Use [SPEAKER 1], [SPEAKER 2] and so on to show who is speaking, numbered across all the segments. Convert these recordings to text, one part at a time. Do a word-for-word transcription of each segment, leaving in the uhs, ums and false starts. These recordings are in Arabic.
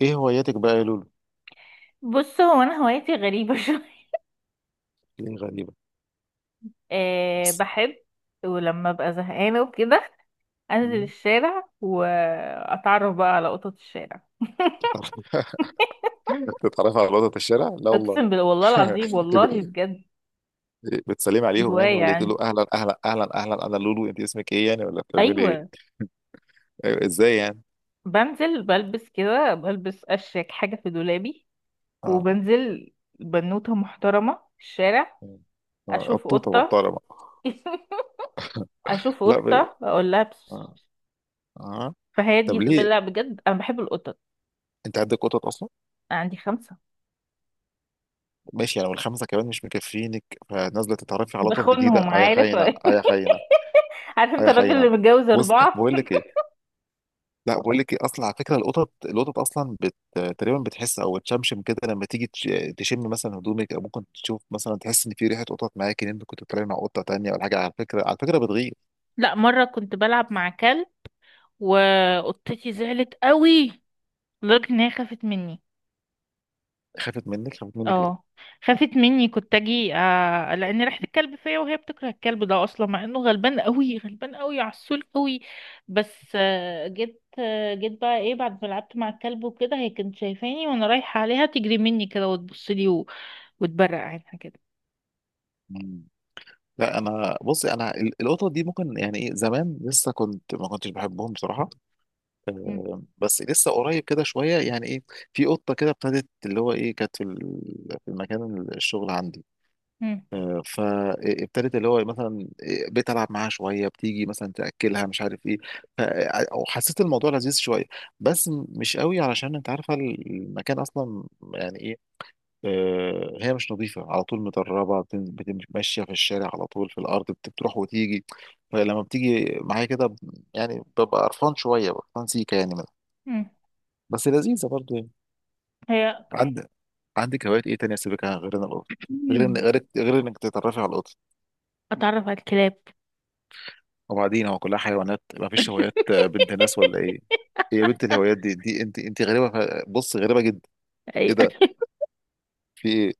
[SPEAKER 1] ايه هواياتك بقى يا لولو؟
[SPEAKER 2] بص هو انا هوايتي غريبه شويه.
[SPEAKER 1] ايه غريبة
[SPEAKER 2] أه،
[SPEAKER 1] بس.
[SPEAKER 2] بحب. ولما ابقى زهقانه وكده انزل
[SPEAKER 1] مم،
[SPEAKER 2] الشارع واتعرف بقى على قطط الشارع
[SPEAKER 1] بتتعرف- بتتعرف على وضعة الشارع؟ لا والله.
[SPEAKER 2] اقسم بالله والله العظيم والله
[SPEAKER 1] ب-
[SPEAKER 2] بجد.
[SPEAKER 1] بتسلمي
[SPEAKER 2] دي
[SPEAKER 1] عليهم يعني،
[SPEAKER 2] هوايه
[SPEAKER 1] ولا تقول له
[SPEAKER 2] عندي.
[SPEAKER 1] اهلا اهلا اهلا اهلا، انا لولو، انت اسمك ايه يعني، ولا بتعملي ايه؟
[SPEAKER 2] ايوه.
[SPEAKER 1] أيوة، ازاي يعني؟
[SPEAKER 2] بنزل بلبس كده بلبس اشيك حاجه في دولابي
[SPEAKER 1] اه.
[SPEAKER 2] وبنزل بنوته محترمه في الشارع.
[SPEAKER 1] آه،
[SPEAKER 2] اشوف
[SPEAKER 1] قطوطة
[SPEAKER 2] قطه
[SPEAKER 1] محترمة.
[SPEAKER 2] اشوف
[SPEAKER 1] لا ب...
[SPEAKER 2] قطه اقول لها بس-
[SPEAKER 1] آه. آه.
[SPEAKER 2] فهي
[SPEAKER 1] طب
[SPEAKER 2] دي
[SPEAKER 1] ليه؟
[SPEAKER 2] لا بجد انا بحب القطط.
[SPEAKER 1] انت عندك قطط اصلا؟
[SPEAKER 2] عندي خمسه.
[SPEAKER 1] ماشي يعني، والخمسة كمان مش مكفينك، فنازلة تتعرفي على قطط جديدة.
[SPEAKER 2] بخونهم
[SPEAKER 1] اه يا
[SPEAKER 2] عارف
[SPEAKER 1] خاينة، اه يا خاينة،
[SPEAKER 2] عارف
[SPEAKER 1] اه
[SPEAKER 2] انت
[SPEAKER 1] يا
[SPEAKER 2] الراجل اللي
[SPEAKER 1] خاينة.
[SPEAKER 2] متجوز
[SPEAKER 1] بص
[SPEAKER 2] اربعة.
[SPEAKER 1] بقول لك ايه. لا بقول لك ايه، اصلا على فكره القطط القطط اصلا بت... تقريبا بتحس او تشمشم كده لما تيجي تش- تشم مثلا هدومك، او ممكن تشوف مثلا، تحس ان في ريحه قطط معاك، ان انت كنت بتتكلم مع قطه تانيه ولا حاجه. على فكره على فكره بتغير.
[SPEAKER 2] لا مرة كنت بلعب مع كلب وقطتي زعلت قوي لدرجة ان هي خافت مني.
[SPEAKER 1] خافت منك، خافت منك
[SPEAKER 2] اه،
[SPEAKER 1] ليه؟
[SPEAKER 2] خافت مني كنت اجي آه لان ريحة الكلب فيا، وهي بتكره الكلب ده اصلا مع انه غلبان قوي غلبان قوي عسول قوي. بس آه جيت آه جيت بقى ايه بعد ما لعبت مع الكلب وكده، هي كانت شايفاني وانا رايحة عليها تجري مني كده وتبص لي و- وتبرق عينها كده.
[SPEAKER 1] مم. لا انا، بصي انا ال- القطط دي ممكن يعني ايه، زمان لسه كنت، ما كنتش بحبهم بصراحه.
[SPEAKER 2] مم.
[SPEAKER 1] آه، بس لسه قريب كده شويه يعني ايه، في قطه كده ابتدت اللي هو ايه، كانت في ال- في المكان الشغل عندي.
[SPEAKER 2] مم.
[SPEAKER 1] آه، فابتدت اللي هو مثلا، آه، بقيت العب معاها شويه، بتيجي مثلا تاكلها، مش عارف ايه. ف- آه، او حسيت الموضوع لذيذ شويه، بس م- مش قوي علشان انت عارفه المكان اصلا، يعني ايه. آه، هي مش نظيفه على طول، متربه، بتن- بتمشي في الشارع على طول في الارض، بت- بتروح وتيجي، فلما بتيجي معايا كده ب- يعني ببقى قرفان شويه، قرفان سيكه يعني منها،
[SPEAKER 2] مم.
[SPEAKER 1] بس لذيذه برضه يعني.
[SPEAKER 2] هي.
[SPEAKER 1] عندك عندك هوايات ايه تانية سيبك، غير إن القط، غير إن-
[SPEAKER 2] مم.
[SPEAKER 1] غير غير انك تتعرفي على القط،
[SPEAKER 2] اتعرف على الكلاب.
[SPEAKER 1] وبعدين هو كلها حيوانات، ما فيش هوايات آه، بنت ناس ولا ايه؟ هي بنت الهوايات دي، دي انت انت غريبه، ف- بص غريبه جدا. ايه
[SPEAKER 2] ايوه.
[SPEAKER 1] ده، في ايه؟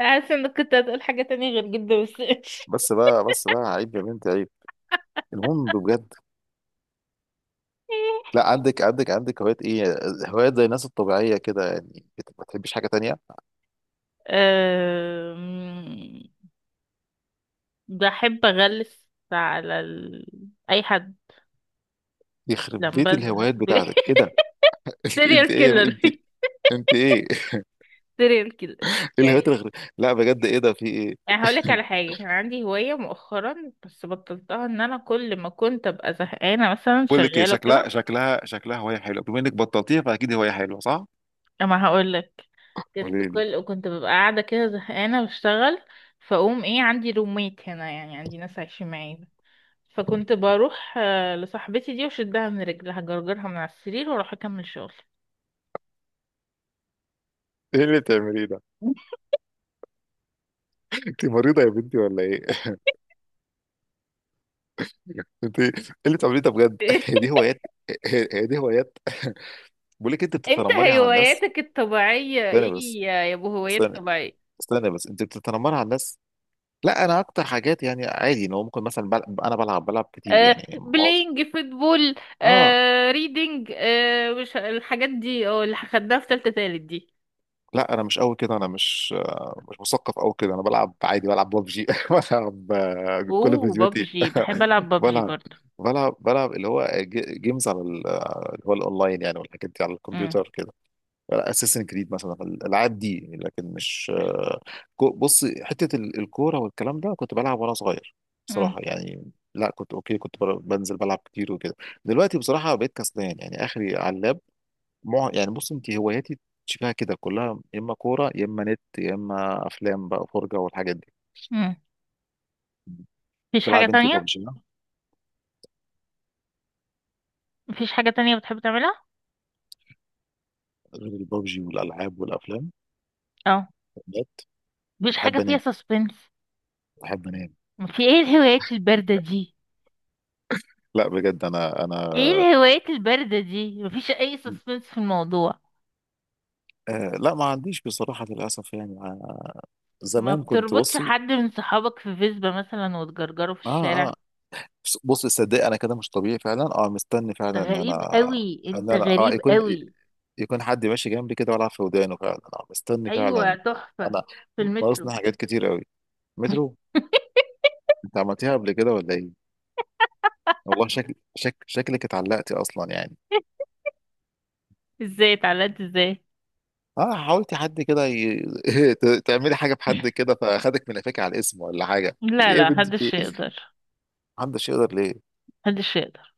[SPEAKER 2] حاسه انك كنت هتقول حاجه تانية غير جدا، بس ماشي.
[SPEAKER 1] بس بقى، بس بقى عيب يا بنت عيب. المهم بجد. لا عندك، عندك عندك هوايات ايه، هوايات زي الناس الطبيعيه كده يعني، بت- ما تحبيش حاجه تانية؟
[SPEAKER 2] أم، بحب اغلس على ال... اي حد
[SPEAKER 1] يخرب بيت
[SPEAKER 2] لما بزهق
[SPEAKER 1] الهوايات بتاعتك، ايه ده؟ انت
[SPEAKER 2] سيريال
[SPEAKER 1] انت ايه يا-
[SPEAKER 2] كيلر.
[SPEAKER 1] انت، انت ايه؟
[SPEAKER 2] سيريال كيلر
[SPEAKER 1] إيه الهوايات
[SPEAKER 2] يعني.
[SPEAKER 1] الغريبة؟ لا بجد ايه ده، في ايه؟
[SPEAKER 2] يعني هقولك على حاجة كان عندي هواية مؤخرا بس بطلتها، ان انا كل ما كنت ابقى زهقانة مثلا
[SPEAKER 1] بقول لك ايه،
[SPEAKER 2] شغالة
[SPEAKER 1] شكلها
[SPEAKER 2] وكده.
[SPEAKER 1] شكلها شكلها هوايه حلوه، بما انك بطلتيها فاكيد هوايه حلوه، صح؟
[SPEAKER 2] اما هقولك. كنت
[SPEAKER 1] قولي لي.
[SPEAKER 2] كل كنت ببقى قاعدة كده زهقانة بشتغل. فأقوم ايه، عندي روميت هنا يعني، عندي ناس عايشين معايا. فكنت بروح آه، لصاحبتي دي وشدها من رجلها جرجرها من على السرير واروح اكمل شغل.
[SPEAKER 1] ايه اللي بتعمليه ده؟ انت مريضة يا بنتي ولا ايه؟ انت ايه اللي بتعمليه ده بجد؟ هي دي هوايات. هي هي دي هوايات بقول لك انت
[SPEAKER 2] انت
[SPEAKER 1] بتتنمري على الناس.
[SPEAKER 2] هواياتك الطبيعية
[SPEAKER 1] استنى
[SPEAKER 2] ايه،
[SPEAKER 1] بس.
[SPEAKER 2] يا يا ابو هوايات
[SPEAKER 1] استنى
[SPEAKER 2] طبيعية؟
[SPEAKER 1] استنى بس، انت بتتنمري على الناس. لا انا اكتر حاجات يعني عادي، ان هو ممكن مثلا بل... انا بلعب، بلعب كتير
[SPEAKER 2] آه
[SPEAKER 1] يعني معظم.
[SPEAKER 2] بلاينج فوتبول.
[SPEAKER 1] اه.
[SPEAKER 2] آه ريدنج، آه مش الحاجات دي، اه اللي خدناها في تالتة تالت دي.
[SPEAKER 1] لا انا مش قوي كده، انا مش آه، مش مثقف قوي كده، انا بلعب عادي، بلعب ببجي بلعب آه، كل
[SPEAKER 2] اوه،
[SPEAKER 1] فيديوهاتي،
[SPEAKER 2] بابجي، بحب العب بابجي
[SPEAKER 1] بلعب
[SPEAKER 2] برضو.
[SPEAKER 1] بلعب بلعب اللي هو ج- جيمز على ال- آه، اللي هو الاونلاين يعني، والحاجات دي على
[SPEAKER 2] امم.
[SPEAKER 1] الكمبيوتر كده، اساسن كريد مثلا الالعاب دي، لكن مش آه، كو- بص حته ال- الكوره والكلام ده، كنت بلعب وانا صغير
[SPEAKER 2] امم.
[SPEAKER 1] بصراحه يعني، لا كنت اوكي، كنت بر- بنزل بلعب كتير وكده. دلوقتي بصراحه بقيت كسلان يعني، اخري على اللاب، مع... يعني بص، انت هواياتي شبه كده كلها، يا اما كوره، يا اما نت، يا اما افلام بقى فرجه والحاجات دي.
[SPEAKER 2] امم. مفيش حاجة
[SPEAKER 1] تلعب انت
[SPEAKER 2] تانية؟
[SPEAKER 1] ببجي.
[SPEAKER 2] مفيش حاجة تانية بتحب تعملها؟
[SPEAKER 1] غير الببجي والالعاب والافلام.
[SPEAKER 2] اه. مفيش حاجة
[SPEAKER 1] بحب
[SPEAKER 2] فيها
[SPEAKER 1] انام،
[SPEAKER 2] سسبنس؟
[SPEAKER 1] بحب انام.
[SPEAKER 2] في ايه الهوايات الباردة دي؟
[SPEAKER 1] لا بجد انا انا
[SPEAKER 2] ايه الهوايات الباردة دي، مفيش اي سسبنس في الموضوع؟
[SPEAKER 1] آه لا ما عنديش بصراحة للأسف يعني،
[SPEAKER 2] ما
[SPEAKER 1] زمان كنت،
[SPEAKER 2] بتربطش
[SPEAKER 1] بصي
[SPEAKER 2] حد من صحابك في فيسبا مثلا وتجرجره في
[SPEAKER 1] اه
[SPEAKER 2] الشارع؟
[SPEAKER 1] اه، بص بص، صدق انا كده مش طبيعي فعلا، اه مستني فعلا
[SPEAKER 2] انت
[SPEAKER 1] ان انا،
[SPEAKER 2] غريب قوي،
[SPEAKER 1] ان
[SPEAKER 2] انت
[SPEAKER 1] انا اه
[SPEAKER 2] غريب
[SPEAKER 1] يكون
[SPEAKER 2] قوي.
[SPEAKER 1] يكون حد ماشي جنبي كده والعب في ودانه، فعلا اه مستني فعلا.
[SPEAKER 2] ايوه، تحفة.
[SPEAKER 1] انا
[SPEAKER 2] في المترو.
[SPEAKER 1] ناقصني حاجات كتير قوي. مترو. انت عملتيها قبل كده ولا ايه؟ والله شكل شك شكلك اتعلقتي اصلا يعني.
[SPEAKER 2] ازاي اتعلقت ازاي؟
[SPEAKER 1] اه، حاولتي حد كده ي... ت- تعملي حاجه بحد كده، فاخدك من قفاك على الاسم ولا حاجه؟
[SPEAKER 2] لا
[SPEAKER 1] ايه يا
[SPEAKER 2] لا،
[SPEAKER 1] بنتي، في
[SPEAKER 2] محدش
[SPEAKER 1] ايه؟
[SPEAKER 2] يقدر.
[SPEAKER 1] محدش يقدر ليه؟
[SPEAKER 2] محدش يقدر.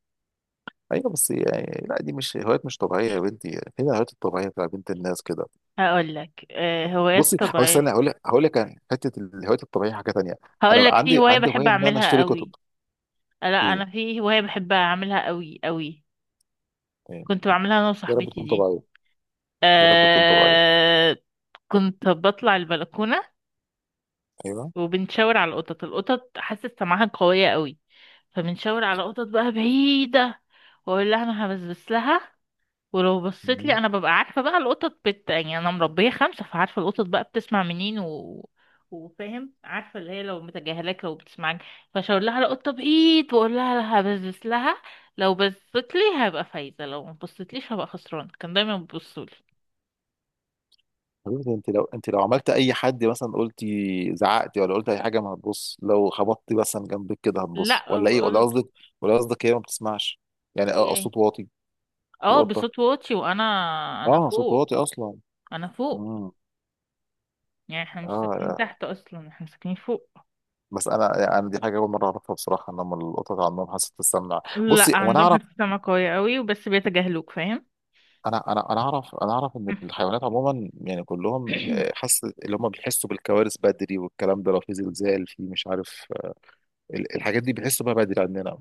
[SPEAKER 1] ايوه بس يعني، لا دي مش هوايات، مش طبيعيه يا بنتي، فين الهوايات الطبيعيه بتاع بنت الناس كده.
[SPEAKER 2] هقول لك آه هوايات
[SPEAKER 1] بصي هو
[SPEAKER 2] طبيعية.
[SPEAKER 1] استنى، هقول لك هقول لك عن حته الهوايات الطبيعيه حاجه تانيه.
[SPEAKER 2] هقول
[SPEAKER 1] انا
[SPEAKER 2] لك في
[SPEAKER 1] عندي
[SPEAKER 2] هواية
[SPEAKER 1] عندي
[SPEAKER 2] بحب
[SPEAKER 1] هوايه ان انا
[SPEAKER 2] اعملها
[SPEAKER 1] اشتري كتب.
[SPEAKER 2] قوي. لا
[SPEAKER 1] ايه؟
[SPEAKER 2] انا في هوايه بحب اعملها قوي قوي.
[SPEAKER 1] ايه؟
[SPEAKER 2] كنت بعملها انا
[SPEAKER 1] يا رب
[SPEAKER 2] وصاحبتي
[SPEAKER 1] تكون
[SPEAKER 2] دي.
[SPEAKER 1] طبيعيه، يا رب تكون طبيعيه.
[SPEAKER 2] أه. كنت بطلع البلكونه
[SPEAKER 1] ايوه.
[SPEAKER 2] وبنشاور على القطط. القطط حاسه سمعها قويه قوي، فبنشاور على قطط بقى بعيده واقول لها انا هبسبس لها. ولو بصيت لي
[SPEAKER 1] مم.
[SPEAKER 2] انا ببقى عارفه بقى، القطط بت يعني انا مربيه خمسه فعارفه القطط بقى بتسمع منين، و... وفاهم، عارفه اللي هي لو متجاهلاك لو بتسمعك. فشاور لها على قطه بايد واقول لها لها بزبز لها. لو بصيت لي هبقى فايزه، لو ما بصيتليش هبقى خسران. كان دايما بيبصوا لي.
[SPEAKER 1] حبيبتي انت لو، انت لو عملت اي حد مثلا، قلتي زعقتي ولا قلت اي حاجه، ما هتبص؟ لو خبطتي مثلا جنبك كده هتبص
[SPEAKER 2] لا،
[SPEAKER 1] ولا ايه، ولا
[SPEAKER 2] بقول.
[SPEAKER 1] قصدك؟ ولا قصدك هي ما بتسمعش؟ يعني
[SPEAKER 2] هي
[SPEAKER 1] اه
[SPEAKER 2] إيه؟
[SPEAKER 1] صوت واطي.
[SPEAKER 2] اه، بصوت
[SPEAKER 1] القطه.
[SPEAKER 2] واطي، وانا انا
[SPEAKER 1] اه صوت
[SPEAKER 2] فوق.
[SPEAKER 1] واطي اصلا.
[SPEAKER 2] انا فوق،
[SPEAKER 1] امم.
[SPEAKER 2] يعني احنا مش ساكنين
[SPEAKER 1] اه
[SPEAKER 2] تحت اصلا، احنا ساكنين فوق.
[SPEAKER 1] بس انا، انا دي حاجه اول مره اعرفها بصراحه، ان هم القطط عندهم حاسه السمع. بصي
[SPEAKER 2] لا
[SPEAKER 1] هو انا
[SPEAKER 2] عندهم
[SPEAKER 1] اعرف،
[SPEAKER 2] حته سمع قويه قوي، وبس بيتجاهلوك فاهم.
[SPEAKER 1] انا انا انا اعرف انا اعرف ان الحيوانات عموما يعني كلهم، آه، حاسه اللي هم بيحسوا بالكوارث بدري والكلام ده، لو في زلزال في مش عارف، آه، ال- الحاجات دي بيحسوا بيها بدري عندنا،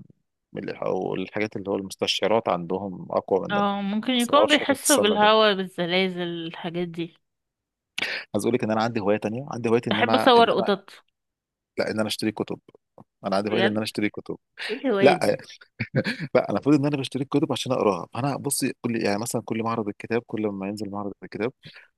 [SPEAKER 1] ال- او الحاجات اللي هو المستشعرات عندهم اقوى مننا.
[SPEAKER 2] اه، ممكن
[SPEAKER 1] بس ما
[SPEAKER 2] يكونوا
[SPEAKER 1] اعرفش حاسه
[SPEAKER 2] بيحسوا
[SPEAKER 1] السمع دي.
[SPEAKER 2] بالهوا، بالزلازل، الحاجات دي.
[SPEAKER 1] عايز اقول لك ان انا عندي هوايه تانيه، عندي هوايه ان
[SPEAKER 2] بحب
[SPEAKER 1] انا
[SPEAKER 2] اصور
[SPEAKER 1] ان انا
[SPEAKER 2] قطط.
[SPEAKER 1] لا ان انا اشتري كتب. انا عندي هوايه ان انا
[SPEAKER 2] بجد؟
[SPEAKER 1] اشتري كتب.
[SPEAKER 2] ايه الهواية
[SPEAKER 1] لا
[SPEAKER 2] دي؟
[SPEAKER 1] لا. انا المفروض ان انا بشتري الكتب عشان اقراها، فانا بصي كل يعني مثلا، كل معرض الكتاب، كل ما ينزل معرض الكتاب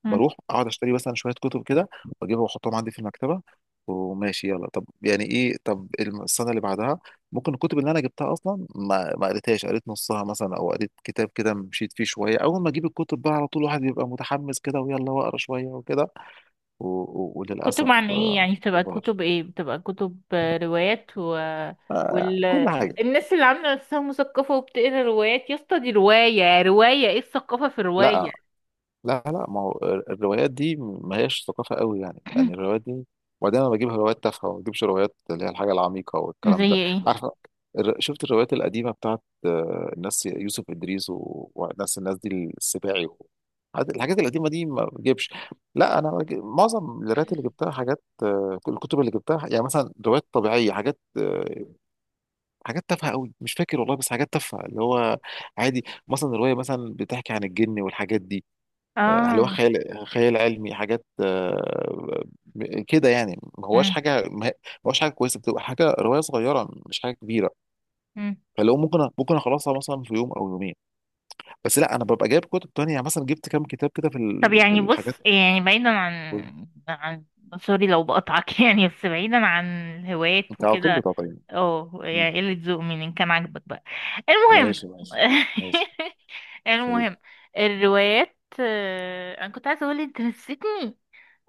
[SPEAKER 2] مم.
[SPEAKER 1] بروح اقعد اشتري مثلا شويه كتب كده، واجيبها واحطهم عندي في المكتبه، وماشي يلا، طب يعني ايه، طب الم- السنه اللي بعدها ممكن الكتب اللي انا جبتها اصلا، ما ما قريتهاش، قريت نصها مثلا، او قريت كتاب كده مشيت فيه شويه، اول ما اجيب الكتب بقى على طول الواحد بيبقى متحمس كده ويلا واقرا شويه وكده، و... و...
[SPEAKER 2] كتب
[SPEAKER 1] وللاسف
[SPEAKER 2] عن ايه
[SPEAKER 1] آه،
[SPEAKER 2] يعني؟
[SPEAKER 1] ما
[SPEAKER 2] بتبقى
[SPEAKER 1] بقراش.
[SPEAKER 2] كتب ايه؟ بتبقى كتب آه، روايات و...
[SPEAKER 1] آه،
[SPEAKER 2] وال
[SPEAKER 1] كل حاجه.
[SPEAKER 2] الناس اللي عامله نفسها مثقفه وبتقرا روايات يا اسطى، دي روايه، روايه، ايه الثقافه في
[SPEAKER 1] لا
[SPEAKER 2] روايه؟
[SPEAKER 1] لا لا، ما هو الروايات دي ما هيش ثقافة قوي يعني، يعني الروايات دي، وبعدين انا بجيب روايات تافهة وما بجيبش روايات اللي هي الحاجة العميقة والكلام
[SPEAKER 2] زي
[SPEAKER 1] ده.
[SPEAKER 2] ايه؟
[SPEAKER 1] عارف، الر- شفت الروايات القديمة بتاعت آه، الناس يوسف إدريس و- والناس الناس دي السباعي، و... حاجات- الحاجات القديمة دي ما بجيبش. لا انا بجيب... معظم الروايات اللي جبتها حاجات، آه، الكتب اللي جبتها يعني مثلا روايات طبيعية، حاجات آه، حاجات تافهة قوي، مش فاكر والله، بس حاجات تافهة اللي هو عادي مثلا، رواية مثلا بتحكي عن الجن والحاجات دي، هل هو
[SPEAKER 2] اه.
[SPEAKER 1] خيال خيال علمي، حاجات آه، م- كده يعني ما هواش
[SPEAKER 2] مم.
[SPEAKER 1] حاجه ما هواش حاجه كويسه، بتبقى حاجه روايه صغيره مش حاجه كبيره،
[SPEAKER 2] مم.
[SPEAKER 1] فلو ممكن ممكن اخلصها مثلا في يوم او يومين، بس لا انا ببقى جايب كتب تانية يعني، مثلا جبت كام كتاب كده في
[SPEAKER 2] طب
[SPEAKER 1] ال- في
[SPEAKER 2] يعني
[SPEAKER 1] الحاجات.
[SPEAKER 2] بص، يعني بعيدا عن عن، سوري لو بقطعك يعني بس بعيدا عن الهوايات
[SPEAKER 1] انت على طول
[SPEAKER 2] وكده.
[SPEAKER 1] بتعطيني.
[SPEAKER 2] اه،
[SPEAKER 1] مم.
[SPEAKER 2] يعني قلة ذوق من إن كان عاجبك بقى. المهم.
[SPEAKER 1] ماشي ماشي ماشي. قول.
[SPEAKER 2] المهم. الروايات، آه، انا كنت عايزه اقول انت نسيتني.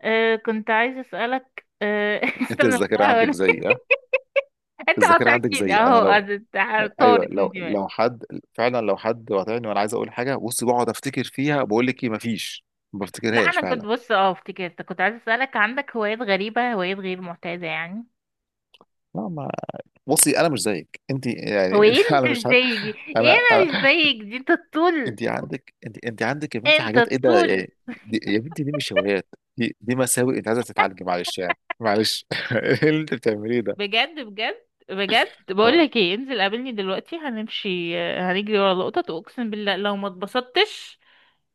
[SPEAKER 2] آه، كنت عايزه اسالك، آه،
[SPEAKER 1] انت
[SPEAKER 2] استنى،
[SPEAKER 1] الذاكره عندك
[SPEAKER 2] بحاول
[SPEAKER 1] زيي، ها.
[SPEAKER 2] انت
[SPEAKER 1] الذاكره عندك
[SPEAKER 2] قاطعتني
[SPEAKER 1] زيي انا،
[SPEAKER 2] اهو،
[SPEAKER 1] لو
[SPEAKER 2] أد-
[SPEAKER 1] ايوه،
[SPEAKER 2] طارت من
[SPEAKER 1] لو
[SPEAKER 2] دماغي.
[SPEAKER 1] لو حد، فعلا لو حد قاطعني وانا عايز اقول حاجه، بص بقعد افتكر فيها، بقول لك ايه، مفيش، ما
[SPEAKER 2] لا
[SPEAKER 1] بفتكرهاش
[SPEAKER 2] انا كنت،
[SPEAKER 1] فعلا.
[SPEAKER 2] بص اه افتكرت، كنت عايزه اسالك عندك هوايات غريبه، هوايات غير معتاده يعني.
[SPEAKER 1] لا ما. بصي انا مش زيك انت
[SPEAKER 2] هو ايه
[SPEAKER 1] يعني
[SPEAKER 2] اللي
[SPEAKER 1] انا
[SPEAKER 2] انت
[SPEAKER 1] مش
[SPEAKER 2] مش
[SPEAKER 1] عارف،
[SPEAKER 2] زيي دي؟ ايه؟
[SPEAKER 1] انا
[SPEAKER 2] انا مش
[SPEAKER 1] انا
[SPEAKER 2] زيك دي، انت الطول.
[SPEAKER 1] انت عندك، انت انت عندك يا بنتي
[SPEAKER 2] انت
[SPEAKER 1] حاجات ايه ده
[SPEAKER 2] الطول.
[SPEAKER 1] يعني؟ دي يا بنتي دي مش هوايات، دي دي مساوئ، انت عايزه تتعالجي، معلش يعني معلش ايه اللي انت بتعمليه ده؟
[SPEAKER 2] بجد بجد بجد، بقول
[SPEAKER 1] آه،
[SPEAKER 2] لك ايه، انزل قابلني دلوقتي، هنمشي هنجري ورا القطط، واقسم بالله لو ما اتبسطتش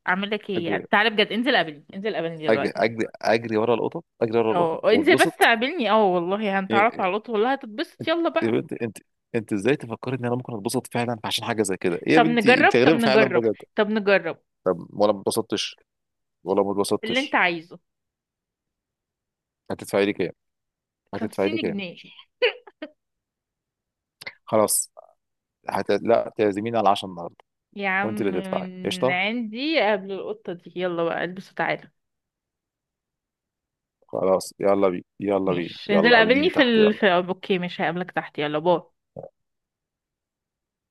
[SPEAKER 2] اعمل لك ايه
[SPEAKER 1] اجري
[SPEAKER 2] يعني. تعالى بجد، انزل قابلني، انزل قابلني
[SPEAKER 1] اجري
[SPEAKER 2] دلوقتي.
[SPEAKER 1] اجري اجري ورا القطط، اجري ورا
[SPEAKER 2] اه
[SPEAKER 1] القطط
[SPEAKER 2] انزل بس
[SPEAKER 1] واتبسط.
[SPEAKER 2] قابلني، اه والله هنتعرف
[SPEAKER 1] يا
[SPEAKER 2] على القطط، والله هتتبسط، يلا
[SPEAKER 1] يا
[SPEAKER 2] بقى.
[SPEAKER 1] بنتي انت، انت ازاي تفكري ان انا ممكن اتبسط فعلا عشان حاجه زي كده؟ إيه يا
[SPEAKER 2] طب
[SPEAKER 1] بنتي،
[SPEAKER 2] نجرب،
[SPEAKER 1] انت
[SPEAKER 2] طب
[SPEAKER 1] غريبه فعلا
[SPEAKER 2] نجرب،
[SPEAKER 1] بجد.
[SPEAKER 2] طب نجرب.
[SPEAKER 1] طب ولا ما اتبسطتش، ولا ما
[SPEAKER 2] اللي انت
[SPEAKER 1] اتبسطتش.
[SPEAKER 2] عايزه.
[SPEAKER 1] هتدفعي لي كام، هتدفعي لي
[SPEAKER 2] خمسين
[SPEAKER 1] كام؟
[SPEAKER 2] جنيه
[SPEAKER 1] خلاص. هت... لا تعزميني على عشرة،
[SPEAKER 2] يا
[SPEAKER 1] وانت
[SPEAKER 2] عم
[SPEAKER 1] اللي تدفعي
[SPEAKER 2] من
[SPEAKER 1] قشطه.
[SPEAKER 2] عندي قبل، القطة دي يلا بقى، البس وتعالى.
[SPEAKER 1] خلاص يلا بينا، يلا بينا،
[SPEAKER 2] ماشي، انزل
[SPEAKER 1] يلا
[SPEAKER 2] قابلني
[SPEAKER 1] قابليني
[SPEAKER 2] في
[SPEAKER 1] تحت،
[SPEAKER 2] ال... في
[SPEAKER 1] يلا.
[SPEAKER 2] اوكي، مش هقابلك تحت، يلا، باي.